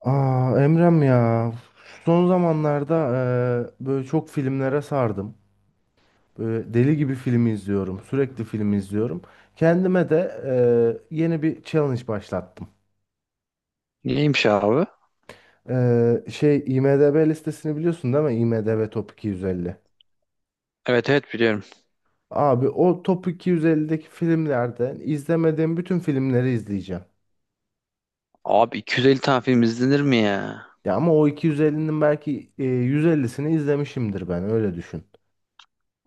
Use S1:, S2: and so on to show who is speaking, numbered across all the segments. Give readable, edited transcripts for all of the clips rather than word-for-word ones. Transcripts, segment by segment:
S1: Emrem ya, son zamanlarda böyle çok filmlere sardım. Böyle deli gibi film izliyorum. Sürekli film izliyorum. Kendime de yeni bir challenge başlattım.
S2: Neymiş abi?
S1: Şey, IMDb listesini biliyorsun değil mi? IMDb Top 250.
S2: Evet biliyorum.
S1: Abi o Top 250'deki filmlerden izlemediğim bütün filmleri izleyeceğim.
S2: Abi 250 tane film izlenir mi ya?
S1: Ya ama o 250'nin belki 150'sini izlemişimdir, ben öyle düşün.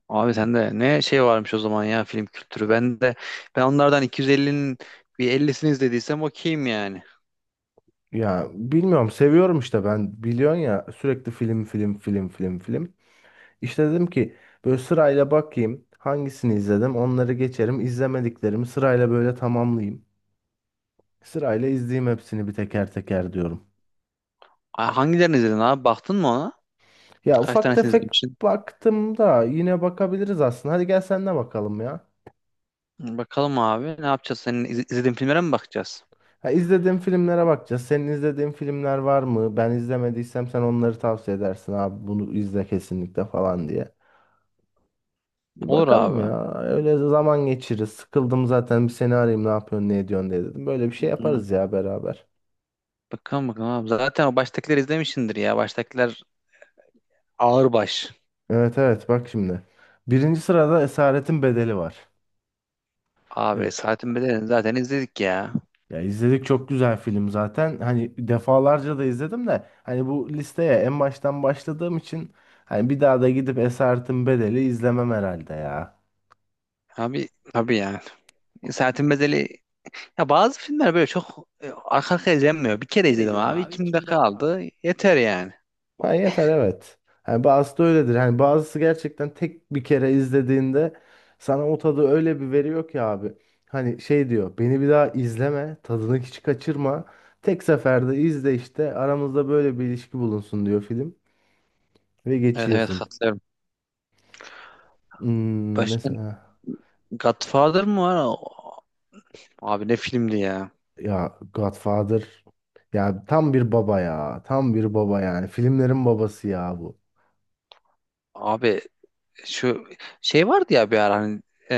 S2: Abi sende ne şey varmış o zaman ya, film kültürü. Ben onlardan 250'nin bir 50'sini izlediysem okeyim yani.
S1: Ya bilmiyorum, seviyorum işte, ben biliyorsun ya, sürekli film film film film film. İşte dedim ki böyle sırayla bakayım, hangisini izledim onları geçerim, izlemediklerimi sırayla böyle tamamlayayım. Sırayla izleyeyim hepsini bir teker teker diyorum.
S2: Hangilerini izledin abi? Baktın mı ona?
S1: Ya
S2: Kaç
S1: ufak
S2: tanesini
S1: tefek
S2: izlemişsin?
S1: baktım da, yine bakabiliriz aslında, hadi gel sen de bakalım ya.
S2: Bakalım abi, ne yapacağız? Senin izlediğin filmlere mi bakacağız?
S1: Ha, izlediğim filmlere bakacağız. Senin izlediğin filmler var mı? Ben izlemediysem sen onları tavsiye edersin abi, bunu izle kesinlikle falan diye. Bir
S2: Olur
S1: bakalım
S2: abi.
S1: ya. Öyle zaman geçiririz. Sıkıldım zaten, bir seni arayayım ne yapıyorsun ne ediyorsun diye dedim. Böyle bir şey
S2: Hı.
S1: yaparız ya beraber.
S2: Bakalım abi. Zaten o baştakileri izlemişsindir ya. Baştakiler ağır baş.
S1: Evet, evet, bak şimdi. Birinci sırada Esaretin Bedeli var.
S2: Abi
S1: Evet.
S2: Saatin Bedeli'ni zaten izledik ya.
S1: Ya izledik, çok güzel film zaten. Hani defalarca da izledim de, hani bu listeye en baştan başladığım için hani bir daha da gidip Esaretin Bedeli izlemem herhalde ya.
S2: Abi tabii yani. Saatin Bedeli. Ya bazı filmler böyle çok arka arkaya izlenmiyor. Bir kere izledim abi, içimde kaldı. Yeter yani.
S1: Ha, yeter, evet. Yani bazısı da öyledir. Hani bazısı gerçekten tek bir kere izlediğinde sana o tadı öyle bir veriyor ki abi. Hani şey diyor, beni bir daha izleme, tadını hiç kaçırma. Tek seferde izle, işte aramızda böyle bir ilişki bulunsun, diyor film. Ve
S2: Evet,
S1: geçiyorsun.
S2: katılıyorum. Başka
S1: Mesela
S2: Godfather mı var? Abi ne filmdi ya?
S1: ya Godfather, ya tam bir baba, ya tam bir baba, yani filmlerin babası ya bu.
S2: Abi şu şey vardı ya bir ara, hani e,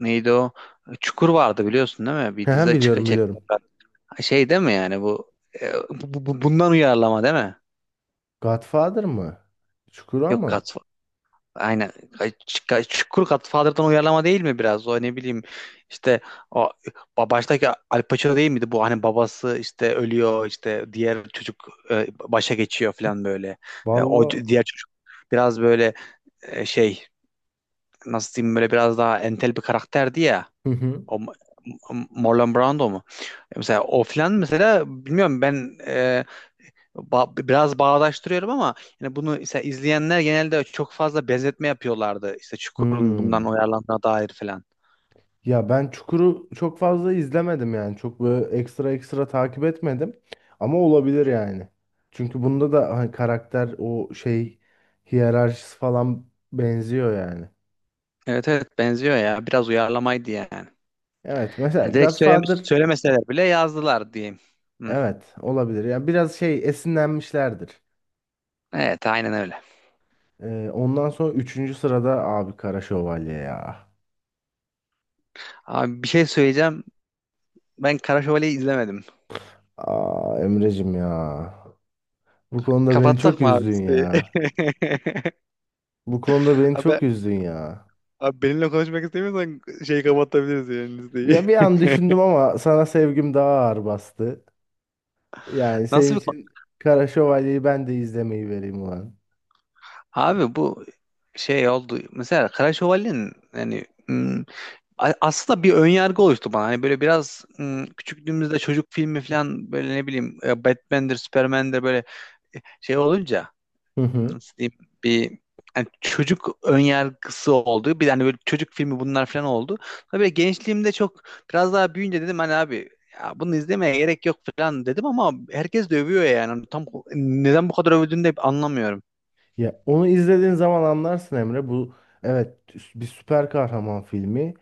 S2: neydi o? Çukur vardı, biliyorsun değil mi? Bir
S1: He,
S2: dizi çık
S1: biliyorum, biliyorum.
S2: çektiler. Şey değil mi yani bu, bundan uyarlama değil mi?
S1: Godfather mı? Çukura
S2: Yok,
S1: mı?
S2: Godfather. Aynen. Ay, Çukur Godfather'dan uyarlama değil mi biraz? O ne bileyim, işte o baştaki Al Pacino değil miydi bu? Hani babası işte ölüyor, işte diğer çocuk başa geçiyor falan böyle. E, o diğer
S1: Vallahi.
S2: çocuk biraz böyle, e, şey nasıl diyeyim, böyle biraz daha entel bir karakterdi ya.
S1: Hı hı.
S2: O M- Marlon Brando mu? E, mesela o falan, mesela bilmiyorum ben. Biraz bağdaştırıyorum ama yani bunu işte izleyenler genelde çok fazla benzetme yapıyorlardı. İşte Çukur'un bundan
S1: Hmm.
S2: uyarlandığına dair falan.
S1: Ya ben Çukur'u çok fazla izlemedim yani. Çok böyle ekstra ekstra takip etmedim. Ama olabilir yani. Çünkü bunda da hani karakter o şey, hiyerarşisi falan benziyor yani.
S2: Evet, benziyor ya. Biraz uyarlamaydı yani.
S1: Evet, mesela
S2: Ha, direkt
S1: Godfather,
S2: söylemeseler bile yazdılar diyeyim. Hı.
S1: evet olabilir. Yani biraz şey esinlenmişlerdir.
S2: Evet, aynen öyle.
S1: Ondan sonra üçüncü sırada abi Kara Şövalye ya.
S2: Abi bir şey söyleyeceğim. Ben Kara Şövalye'yi izlemedim.
S1: Emre'cim ya. Bu konuda beni çok
S2: Kapatsak mı abi
S1: üzdün
S2: listeyi?
S1: ya. Bu konuda beni
S2: Abi,
S1: çok üzdün ya.
S2: abi benimle konuşmak istemiyorsan şeyi kapatabiliriz yani, listeyi.
S1: Ya bir an düşündüm, ama sana sevgim daha ağır bastı. Yani
S2: Nasıl
S1: senin
S2: bir.
S1: için Kara Şövalye'yi ben de izlemeyi vereyim ulan.
S2: Abi bu şey oldu. Mesela Kara Şövalye'nin yani, aslında bir önyargı oluştu bana. Hani böyle biraz, küçüklüğümüzde çocuk filmi falan, böyle ne bileyim, Batman'dir, Superman'dir, böyle şey olunca, nasıl diyeyim, bir, hani çocuk önyargısı oldu. Bir hani böyle çocuk filmi bunlar falan oldu. Tabii gençliğimde çok, biraz daha büyüyünce dedim hani, abi ya bunu izlemeye gerek yok falan dedim, ama herkes de övüyor yani. Hani tam neden bu kadar övdüğünü de anlamıyorum.
S1: Ya onu izlediğin zaman anlarsın Emre. Bu, evet, bir süper kahraman filmi.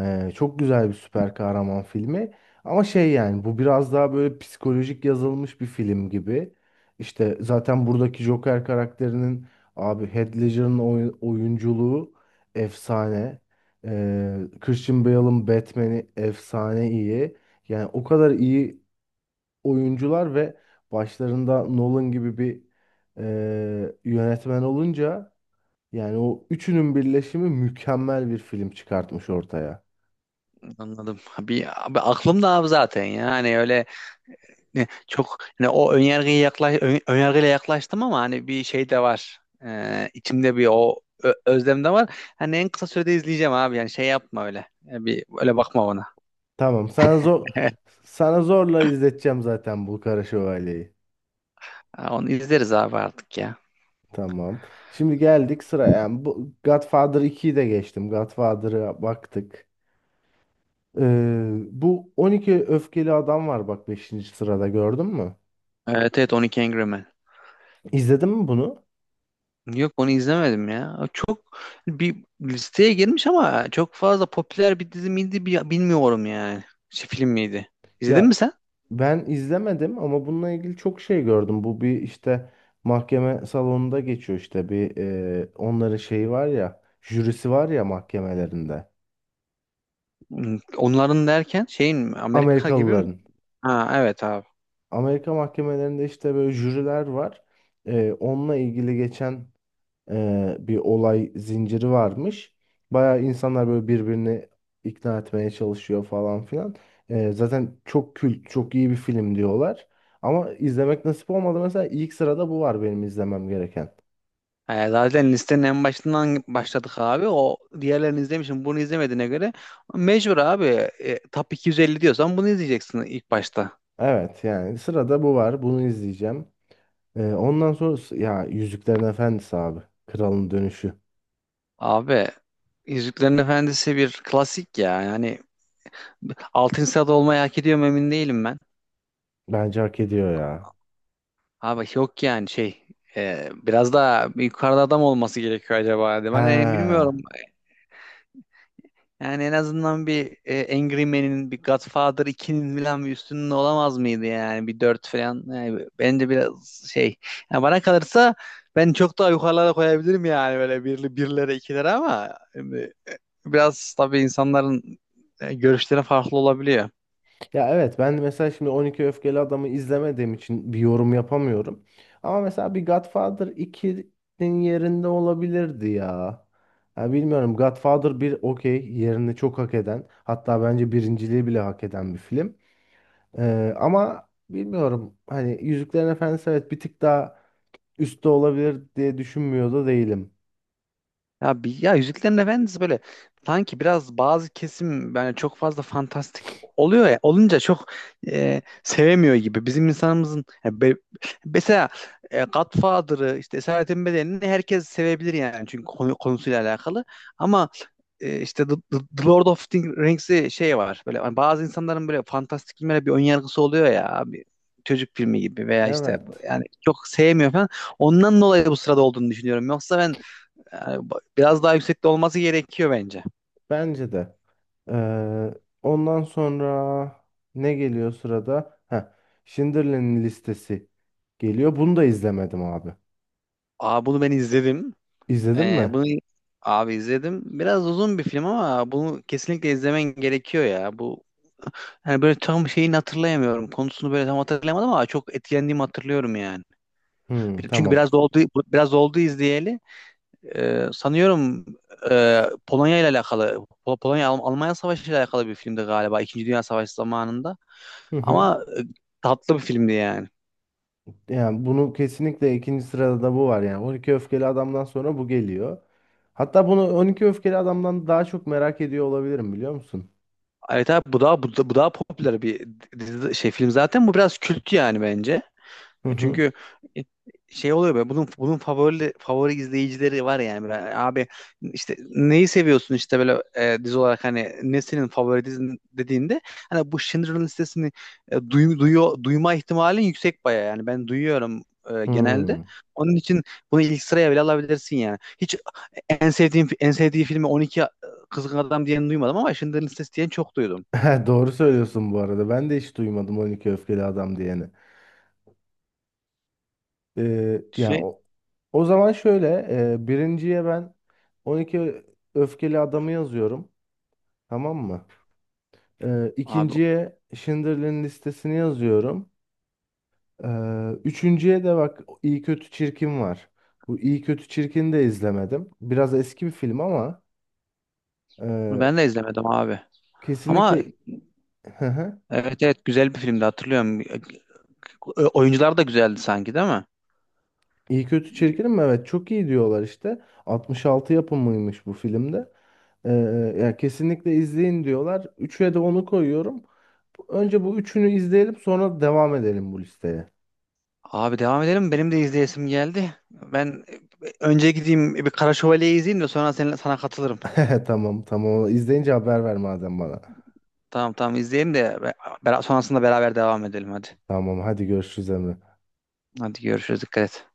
S1: Çok güzel bir süper kahraman filmi. Ama şey yani, bu biraz daha böyle psikolojik yazılmış bir film gibi. İşte zaten buradaki Joker karakterinin, abi, Heath Ledger'ın oyunculuğu efsane. Christian Bale'ın Batman'i efsane iyi. Yani o kadar iyi oyuncular ve başlarında Nolan gibi bir yönetmen olunca, yani o üçünün birleşimi mükemmel bir film çıkartmış ortaya.
S2: Anladım. Bir, abi aklımda abi zaten ya. Hani öyle ne, çok hani o önyargıya önyargıyla yaklaştım, ama hani bir şey de var. İçimde bir o özlem de var. Hani en kısa sürede izleyeceğim abi. Yani şey yapma öyle. Yani bir öyle bakma bana.
S1: Tamam, sana zorla izleteceğim zaten bu Kara Şövalye'yi.
S2: Ha, onu izleriz abi artık ya.
S1: Tamam. Şimdi geldik sıra. Yani bu Godfather ikiyi de geçtim. Godfather'a baktık. Ee, Bu 12 öfkeli adam var bak, beşinci sırada, gördün mü?
S2: Evet evet, 12 Angry Men.
S1: İzledin mi bunu?
S2: Yok, onu izlemedim ya. Çok bir listeye girmiş ama çok fazla popüler bir dizi miydi bilmiyorum yani. Şey, film miydi? İzledin mi
S1: Ya
S2: sen?
S1: ben izlemedim ama bununla ilgili çok şey gördüm. Bu bir işte mahkeme salonunda geçiyor, işte bir onların şeyi var ya, jürisi var ya mahkemelerinde.
S2: Hmm, onların derken şeyin mi? Amerika gibi mi?
S1: Amerikalıların.
S2: Ha, evet abi.
S1: Amerika mahkemelerinde işte böyle jüriler var. Onunla ilgili geçen bir olay zinciri varmış. Bayağı insanlar böyle birbirini ikna etmeye çalışıyor falan filan. Zaten çok kült, çok iyi bir film diyorlar. Ama izlemek nasip olmadı. Mesela ilk sırada bu var benim izlemem gereken.
S2: Zaten listenin en başından başladık abi. O diğerlerini izlemişim. Bunu izlemediğine göre mecbur abi. E, top 250 diyorsan bunu izleyeceksin ilk başta.
S1: Evet, yani sırada bu var. Bunu izleyeceğim. Ondan sonra ya, Yüzüklerin Efendisi abi. Kralın Dönüşü.
S2: Abi Yüzüklerin Efendisi bir klasik ya. Yani altın saat olmayı hak ediyor mu emin değilim ben.
S1: Bence hak ediyor ya.
S2: Abi yok yani şey, biraz daha yukarıda adam olması gerekiyor acaba diye. Ben,
S1: He.
S2: bilmiyorum. Yani en azından bir, Angry Man'in, bir Godfather ikinin falan bir üstünün olamaz mıydı yani? Bir 4 falan. Yani bence biraz şey. Yani bana kalırsa ben çok daha yukarılara koyabilirim yani, böyle birlere, ikilere, ama şimdi biraz tabii insanların görüşleri farklı olabiliyor.
S1: Ya evet, ben mesela şimdi 12 Öfkeli Adam'ı izlemediğim için bir yorum yapamıyorum. Ama mesela bir Godfather ikinin yerinde olabilirdi ya. Ya bilmiyorum, Godfather bir okey, yerini çok hak eden, hatta bence birinciliği bile hak eden bir film. Ama bilmiyorum, hani Yüzüklerin Efendisi evet bir tık daha üstte olabilir diye düşünmüyor da değilim.
S2: Ya, bir, ya Yüzüklerin Efendisi böyle sanki biraz bazı kesim yani çok fazla fantastik oluyor ya, olunca çok sevemiyor gibi. Bizim insanımızın ya, mesela Godfather'ı, işte Esaretin Bedeni'ni herkes sevebilir yani, çünkü konusuyla alakalı. Ama işte The Lord of the Rings'i, şey var böyle hani, bazı insanların böyle fantastik filmlere bir ön yargısı oluyor ya abi, çocuk filmi gibi veya işte
S1: Evet.
S2: yani çok sevmiyor falan. Ondan dolayı bu sırada olduğunu düşünüyorum. Yoksa ben yani, biraz daha yüksekte olması gerekiyor bence.
S1: Bence de. Ee, Ondan sonra ne geliyor sırada? Schindler'in Listesi geliyor. Bunu da izlemedim abi.
S2: Aa, bunu ben izledim.
S1: İzledin mi?
S2: Bunu abi izledim. Biraz uzun bir film ama bunu kesinlikle izlemen gerekiyor ya. Bu yani böyle tam şeyini hatırlayamıyorum. Konusunu böyle tam hatırlayamadım ama çok etkilendiğimi hatırlıyorum yani.
S1: Hmm,
S2: Çünkü
S1: tamam.
S2: biraz da oldu, biraz oldu izleyeli. Sanıyorum Polonya ile alakalı, Polonya Almanya Savaşı ile alakalı bir filmdi galiba. İkinci Dünya Savaşı zamanında.
S1: Hı hı.
S2: Ama tatlı bir filmdi yani.
S1: Yani bunu kesinlikle, ikinci sırada da bu var. Yani 12 Öfkeli Adam'dan sonra bu geliyor. Hatta bunu 12 Öfkeli Adam'dan daha çok merak ediyor olabilirim, biliyor musun?
S2: Evet abi, bu daha, bu daha popüler bir şey, film zaten. Bu biraz kült yani bence.
S1: Hı hı.
S2: Çünkü şey oluyor be, bunun favori izleyicileri var yani. Böyle abi, işte neyi seviyorsun, işte böyle dizi olarak hani, ne senin favori dizin dediğinde hani, bu Schindler'ın listesini duyma ihtimalin yüksek baya yani, ben duyuyorum genelde.
S1: Hmm.
S2: Onun için bunu ilk sıraya bile alabilirsin yani. Hiç en sevdiği filmi 12 Kızgın Adam diyen duymadım, ama Schindler'ın listesi diyen çok duydum.
S1: Doğru söylüyorsun bu arada. Ben de hiç duymadım 12 Öfkeli Adam diye. Yani
S2: Şey
S1: o, zaman şöyle, birinciye ben 12 öfkeli adamı yazıyorum. Tamam mı?
S2: abi,
S1: İkinciye Schindler'in Listesini yazıyorum. Üçüncüye de bak, iyi kötü Çirkin var. Bu iyi kötü çirkin de izlemedim. Biraz eski bir film ama
S2: onu
S1: e,
S2: ben de izlemedim abi. Ama
S1: kesinlikle
S2: evet, evet güzel bir filmdi, hatırlıyorum. E, oyuncular da güzeldi sanki değil mi?
S1: İyi Kötü Çirkin'im mi? Evet, çok iyi diyorlar işte. 66 yapımıymış bu filmde. Ee, Ya kesinlikle izleyin diyorlar. Üçe de onu koyuyorum. Önce bu üçünü izleyelim, sonra devam edelim bu listeye.
S2: Abi devam edelim. Benim de izleyesim geldi. Ben önce gideyim bir Kara Şövalye'yi izleyeyim de sonra sana katılırım.
S1: Tamam, tamam. İzleyince haber ver madem bana.
S2: Tamam, izleyelim de, sonrasında beraber devam edelim, hadi.
S1: Tamam, hadi görüşürüz Emre.
S2: Hadi görüşürüz, dikkat et.